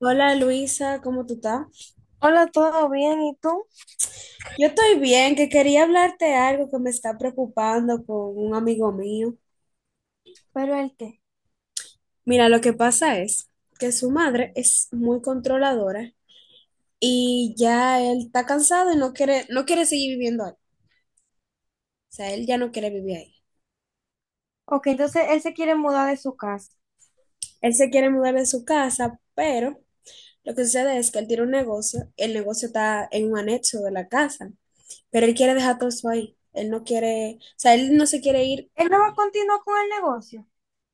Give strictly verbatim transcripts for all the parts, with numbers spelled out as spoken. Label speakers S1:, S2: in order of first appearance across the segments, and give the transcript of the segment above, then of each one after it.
S1: Hola Luisa, ¿cómo tú estás?
S2: Hola, ¿todo bien? ¿Y tú?
S1: Yo estoy bien, que quería hablarte algo que me está preocupando con un amigo mío.
S2: ¿Pero él qué?
S1: Mira, lo que pasa es que su madre es muy controladora y ya él está cansado y no quiere, no quiere seguir viviendo ahí. O sea, él ya no quiere vivir ahí.
S2: Ok, entonces él se quiere mudar de su casa.
S1: Él se quiere mudar de su casa, pero lo que sucede es que él tiene un negocio, el negocio está en un anexo de la casa, pero él quiere dejar todo eso ahí. Él no quiere, o sea, él no se quiere ir.
S2: Él no va a continuar con el negocio.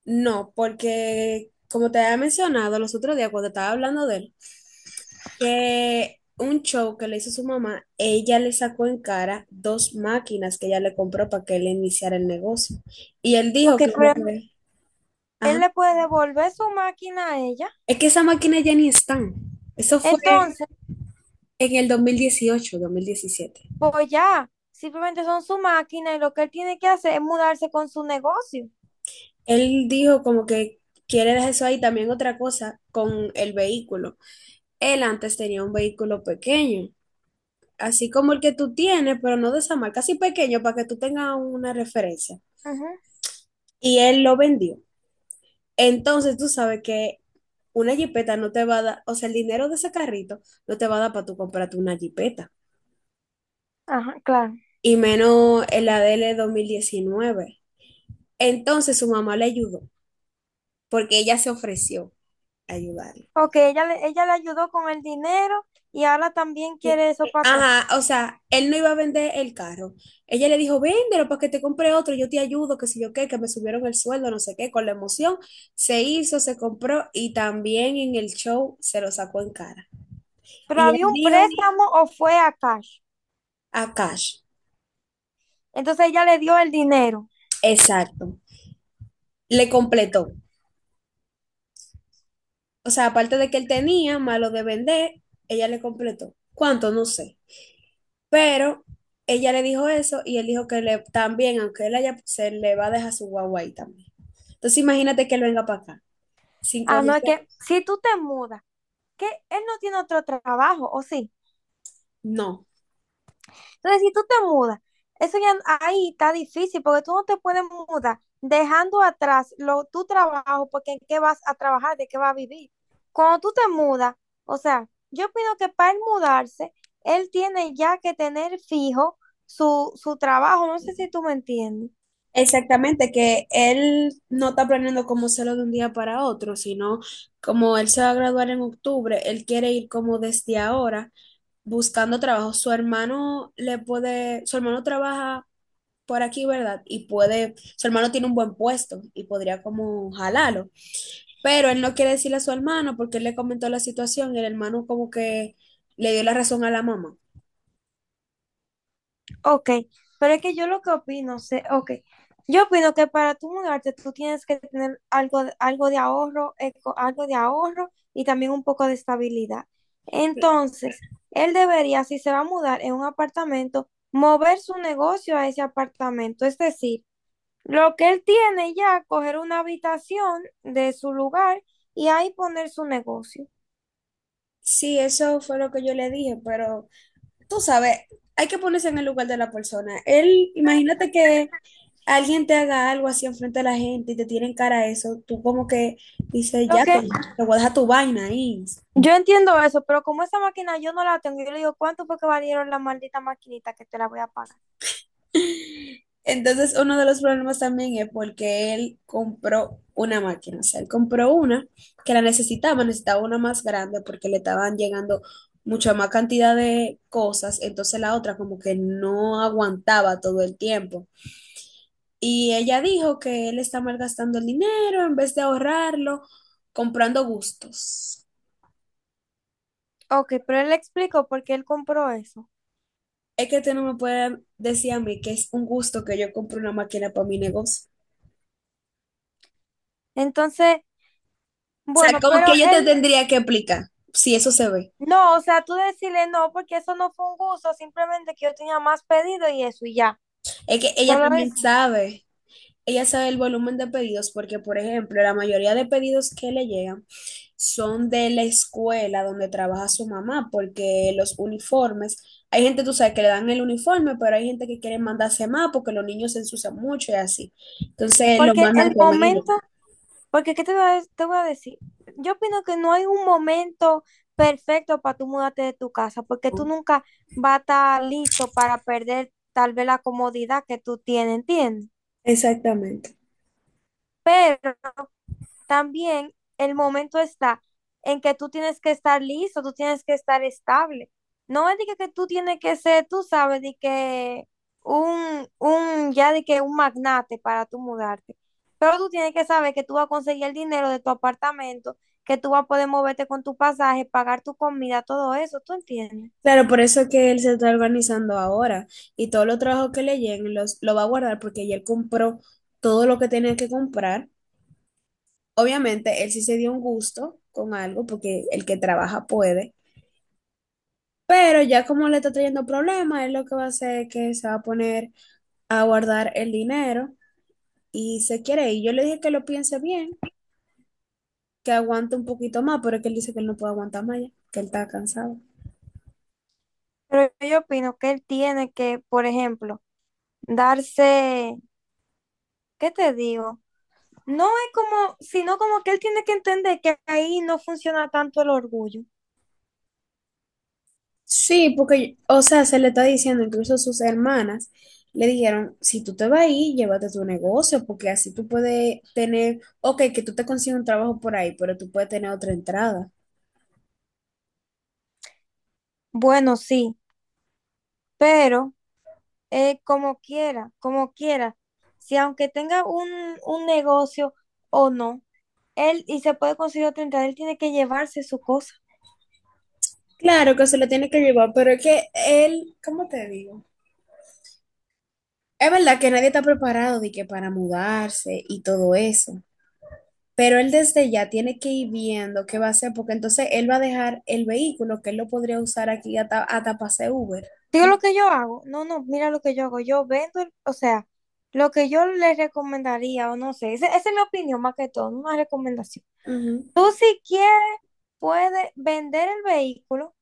S1: No, porque como te había mencionado los otros días cuando estaba hablando de él, que un show que le hizo su mamá, ella le sacó en cara dos máquinas que ella le compró para que él iniciara el negocio. Y él dijo
S2: Ok,
S1: que como
S2: pero
S1: que,
S2: él
S1: ajá,
S2: le puede devolver su máquina a ella.
S1: es que esas máquinas ya ni están. Eso fue
S2: Entonces,
S1: en el dos dos mil dieciocho, dos mil diecisiete.
S2: pues ya, simplemente son su máquina y lo que él tiene que hacer es mudarse con su negocio.
S1: Él dijo como que quiere dejar eso ahí. También otra cosa con el vehículo. Él antes tenía un vehículo pequeño así como el que tú tienes, pero no de esa marca, así pequeño para que tú tengas una referencia.
S2: Ajá.
S1: Y él lo vendió. Entonces tú sabes que una jipeta no te va a dar, o sea, el dinero de ese carrito no te va a dar para tú comprarte una jipeta.
S2: Ajá, claro.
S1: Y menos el A D L dos mil diecinueve. Entonces su mamá le ayudó, porque ella se ofreció a ayudarle.
S2: Ok, ella le, ella le ayudó con el dinero y ahora también
S1: Sí.
S2: quiere eso para atrás.
S1: Ajá, o sea, él no iba a vender el carro. Ella le dijo, véndelo para que te compre otro, yo te ayudo, que sé yo qué, que me subieron el sueldo, no sé qué, con la emoción. Se hizo, se compró y también en el show se lo sacó en cara.
S2: Pero
S1: Y él
S2: había un
S1: dijo,
S2: préstamo o fue a cash.
S1: a cash,
S2: Entonces ella le dio el dinero.
S1: exacto, le completó. O sea, aparte de que él tenía, malo de vender, ella le completó. ¿Cuánto? No sé. Pero ella le dijo eso y él dijo que le, también, aunque él haya, se le va a dejar su guagua ahí también. Entonces imagínate que él venga para acá, sin
S2: Ah, no, es
S1: conocer.
S2: que si tú te mudas que él no tiene otro trabajo, ¿o sí?
S1: No.
S2: Entonces, si tú te mudas, eso ya ahí está difícil porque tú no te puedes mudar dejando atrás lo, tu trabajo porque en qué vas a trabajar, de qué vas a vivir. Cuando tú te mudas, o sea, yo opino que para él mudarse, él tiene ya que tener fijo su, su trabajo. No sé si tú me entiendes.
S1: Exactamente, que él no está planeando como hacerlo de un día para otro, sino como él se va a graduar en octubre, él quiere ir como desde ahora buscando trabajo. Su hermano le puede, su hermano trabaja por aquí, ¿verdad? Y puede, su hermano tiene un buen puesto y podría como jalarlo. Pero él no quiere decirle a su hermano porque él le comentó la situación y el hermano como que le dio la razón a la mamá.
S2: Ok, pero es que yo lo que opino, sé, ok, yo opino que para tú mudarte tú tienes que tener algo, de- algo de ahorro, eco- algo de ahorro y también un poco de estabilidad. Entonces, él debería, si se va a mudar en un apartamento, mover su negocio a ese apartamento. Es decir, lo que él tiene ya, coger una habitación de su lugar y ahí poner su negocio.
S1: Sí, eso fue lo que yo le dije, pero tú sabes, hay que ponerse en el lugar de la persona. Él, imagínate que alguien te haga algo así enfrente de la gente y te tienen cara a eso, tú como que dices,
S2: Lo
S1: ya,
S2: que,
S1: tú, te voy a dejar tu vaina ahí.
S2: Yo entiendo eso, pero como esa máquina yo no la tengo, yo le digo, ¿cuánto fue que valieron la maldita maquinita que te la voy a pagar?
S1: Entonces, uno de los problemas también es porque él compró una máquina, o sea, él compró una que la necesitaba, necesitaba una más grande porque le estaban llegando mucha más cantidad de cosas, entonces la otra como que no aguantaba todo el tiempo. Y ella dijo que él está malgastando el dinero en vez de ahorrarlo, comprando gustos.
S2: Ok, pero él le explicó por qué él compró eso.
S1: Es que tú no me puedes decir a mí que es un gusto que yo compre una máquina para mi negocio.
S2: Entonces,
S1: O sea,
S2: bueno,
S1: como
S2: pero
S1: que yo te
S2: él,
S1: tendría que explicar si eso se ve.
S2: no, o sea, tú decirle no, porque eso no fue un gusto, simplemente que yo tenía más pedido y eso, y ya,
S1: Es que ella
S2: solo eso.
S1: también sabe, ella sabe el volumen de pedidos porque, por ejemplo, la mayoría de pedidos que le llegan son de la escuela donde trabaja su mamá, porque los uniformes, hay gente, tú sabes, que le dan el uniforme, pero hay gente que quiere mandarse más porque los niños se ensucian mucho y así. Entonces lo
S2: Porque
S1: mandan
S2: el
S1: con ella.
S2: momento, Porque, ¿qué te voy a, de- te voy a decir? Yo opino que no hay un momento perfecto para tú mudarte de tu casa, porque tú
S1: ¿No?
S2: nunca vas a estar listo para perder tal vez la comodidad que tú tienes, ¿entiendes?
S1: Exactamente.
S2: Pero también el momento está en que tú tienes que estar listo, tú tienes que estar estable. No es de que, que tú tienes que ser, tú sabes, de que un, un, ya de que un magnate para tú mudarte. Pero tú tienes que saber que tú vas a conseguir el dinero de tu apartamento, que tú vas a poder moverte con tu pasaje, pagar tu comida, todo eso, ¿tú entiendes?
S1: Claro, por eso que él se está organizando ahora y todos los trabajos que le lleguen los, lo va a guardar porque ya él compró todo lo que tenía que comprar. Obviamente, él sí se dio un gusto con algo porque el que trabaja puede, pero ya como le está trayendo problemas, él lo que va a hacer es que se va a poner a guardar el dinero y se quiere ir. Yo le dije que lo piense bien, que aguante un poquito más, pero es que él dice que él no puede aguantar más ya, que él está cansado.
S2: Pero yo opino que él tiene que, por ejemplo, darse, ¿qué te digo? No es como, sino como que él tiene que entender que ahí no funciona tanto el orgullo.
S1: Sí, porque, o sea, se le está diciendo, incluso sus hermanas le dijeron, si tú te vas a ir, llévate tu negocio, porque así tú puedes tener, ok, que tú te consigues un trabajo por ahí, pero tú puedes tener otra entrada.
S2: Bueno, sí, pero eh, como quiera, como quiera, si aunque tenga un, un negocio o no, él y se puede conseguir otra entrada, él tiene que llevarse su cosa.
S1: Claro que se le tiene que llevar, pero es que él, ¿cómo te digo? Es verdad que nadie está preparado de que para mudarse y todo eso, pero él desde ya tiene que ir viendo qué va a hacer, porque entonces él va a dejar el vehículo que él lo podría usar aquí hasta, hasta para hacer Uber.
S2: Digo lo que yo hago, no, no, mira lo que yo hago, yo vendo, el- o sea, lo que yo le recomendaría o no sé, ese- esa es mi opinión más que todo, no una recomendación.
S1: Ujú.
S2: Tú si quieres, puedes vender el vehículo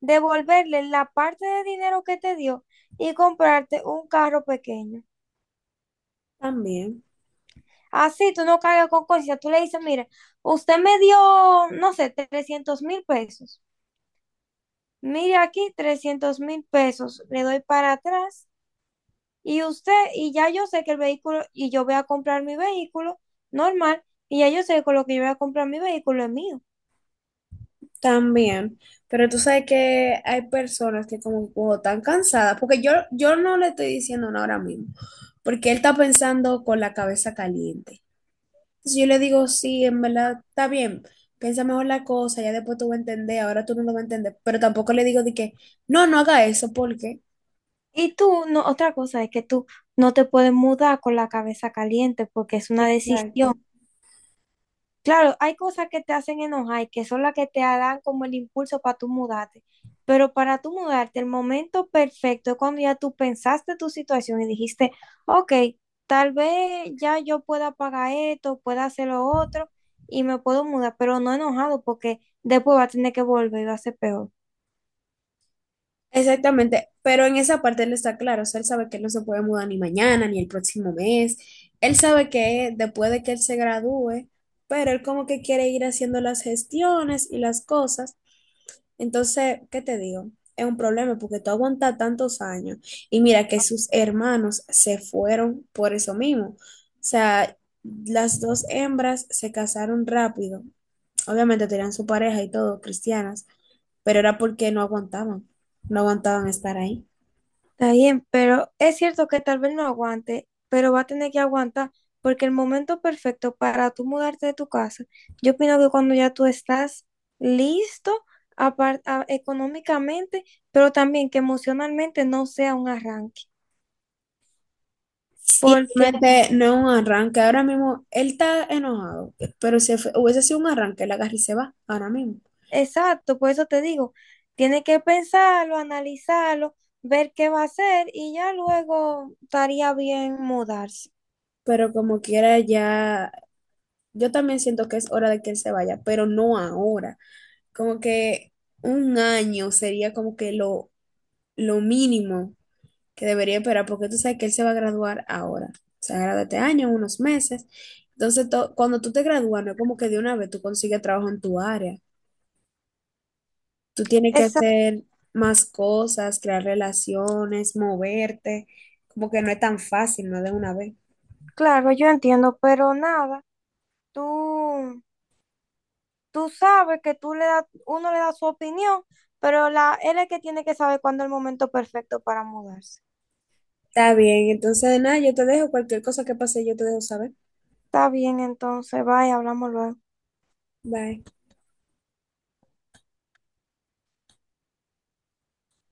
S2: devolverle la parte de dinero que te dio y comprarte un carro pequeño.
S1: También.
S2: Así tú no cargas con conciencia. Tú le dices, mire, usted me dio, no sé, trescientos mil pesos. Mire aquí, trescientos mil pesos. Le doy para atrás y usted, y ya yo sé que el vehículo, y yo voy a comprar mi vehículo normal, y ya yo sé que con lo que yo voy a comprar mi vehículo es mío.
S1: También, pero tú sabes que hay personas que como "Wow, están cansadas", porque yo, yo no le estoy diciendo nada ahora mismo, porque él está pensando con la cabeza caliente. Entonces yo le digo, sí, en verdad está bien, piensa mejor la cosa, ya después tú vas a entender, ahora tú no lo vas a entender, pero tampoco le digo de que, no, no haga eso, porque...
S2: Y tú, no, otra cosa es que tú no te puedes mudar con la cabeza caliente porque es una
S1: Exacto.
S2: decisión. Claro, hay cosas que te hacen enojar y que son las que te dan como el impulso para tú mudarte. Pero para tú mudarte, el momento perfecto es cuando ya tú pensaste tu situación y dijiste, ok, tal vez ya yo pueda pagar esto, pueda hacer lo otro y me puedo mudar, pero no enojado porque después va a tener que volver y va a ser peor.
S1: Exactamente, pero en esa parte él está claro, o sea, él sabe que él no se puede mudar ni mañana ni el próximo mes, él sabe que después de que él se gradúe, pero él como que quiere ir haciendo las gestiones y las cosas, entonces, ¿qué te digo? Es un problema porque tú aguantas tantos años y mira que sus hermanos se fueron por eso mismo, o sea, las dos hembras se casaron rápido, obviamente tenían su pareja y todo, cristianas, pero era porque no aguantaban, no aguantaban estar ahí.
S2: Está bien, pero es cierto que tal vez no aguante, pero va a tener que aguantar porque el momento perfecto para tú mudarte de tu casa, yo opino que cuando ya tú estás listo apar- a- económicamente, pero también que emocionalmente no sea un arranque.
S1: Sí,
S2: Porque,
S1: realmente no es un arranque. Ahora mismo él está enojado, pero si fue- hubiese sido un arranque, él agarra y se va ahora mismo.
S2: exacto, por eso te digo, tiene que pensarlo, analizarlo, ver qué va a hacer y ya luego estaría bien mudarse.
S1: Pero como quiera, ya. Yo también siento que es hora de que él se vaya, pero no ahora. Como que un año sería como que lo, lo mínimo que debería esperar, porque tú sabes que él se va a graduar ahora. Se gradúa este año, unos meses. Entonces, to- cuando tú te gradúas, no es como que de una vez tú consigues trabajo en tu área. Tú tienes que
S2: Exacto,
S1: hacer más cosas, crear relaciones, moverte, como que no es tan fácil, no de una vez.
S2: claro, yo entiendo, pero nada, tú... tú sabes que tú le das, uno le da su opinión, pero la, él es el que tiene que saber cuándo es el momento perfecto para mudarse.
S1: Está bien, entonces nada, yo te dejo cualquier cosa que pase, yo te dejo saber.
S2: Está bien, entonces, bye, hablamos luego.
S1: Bye.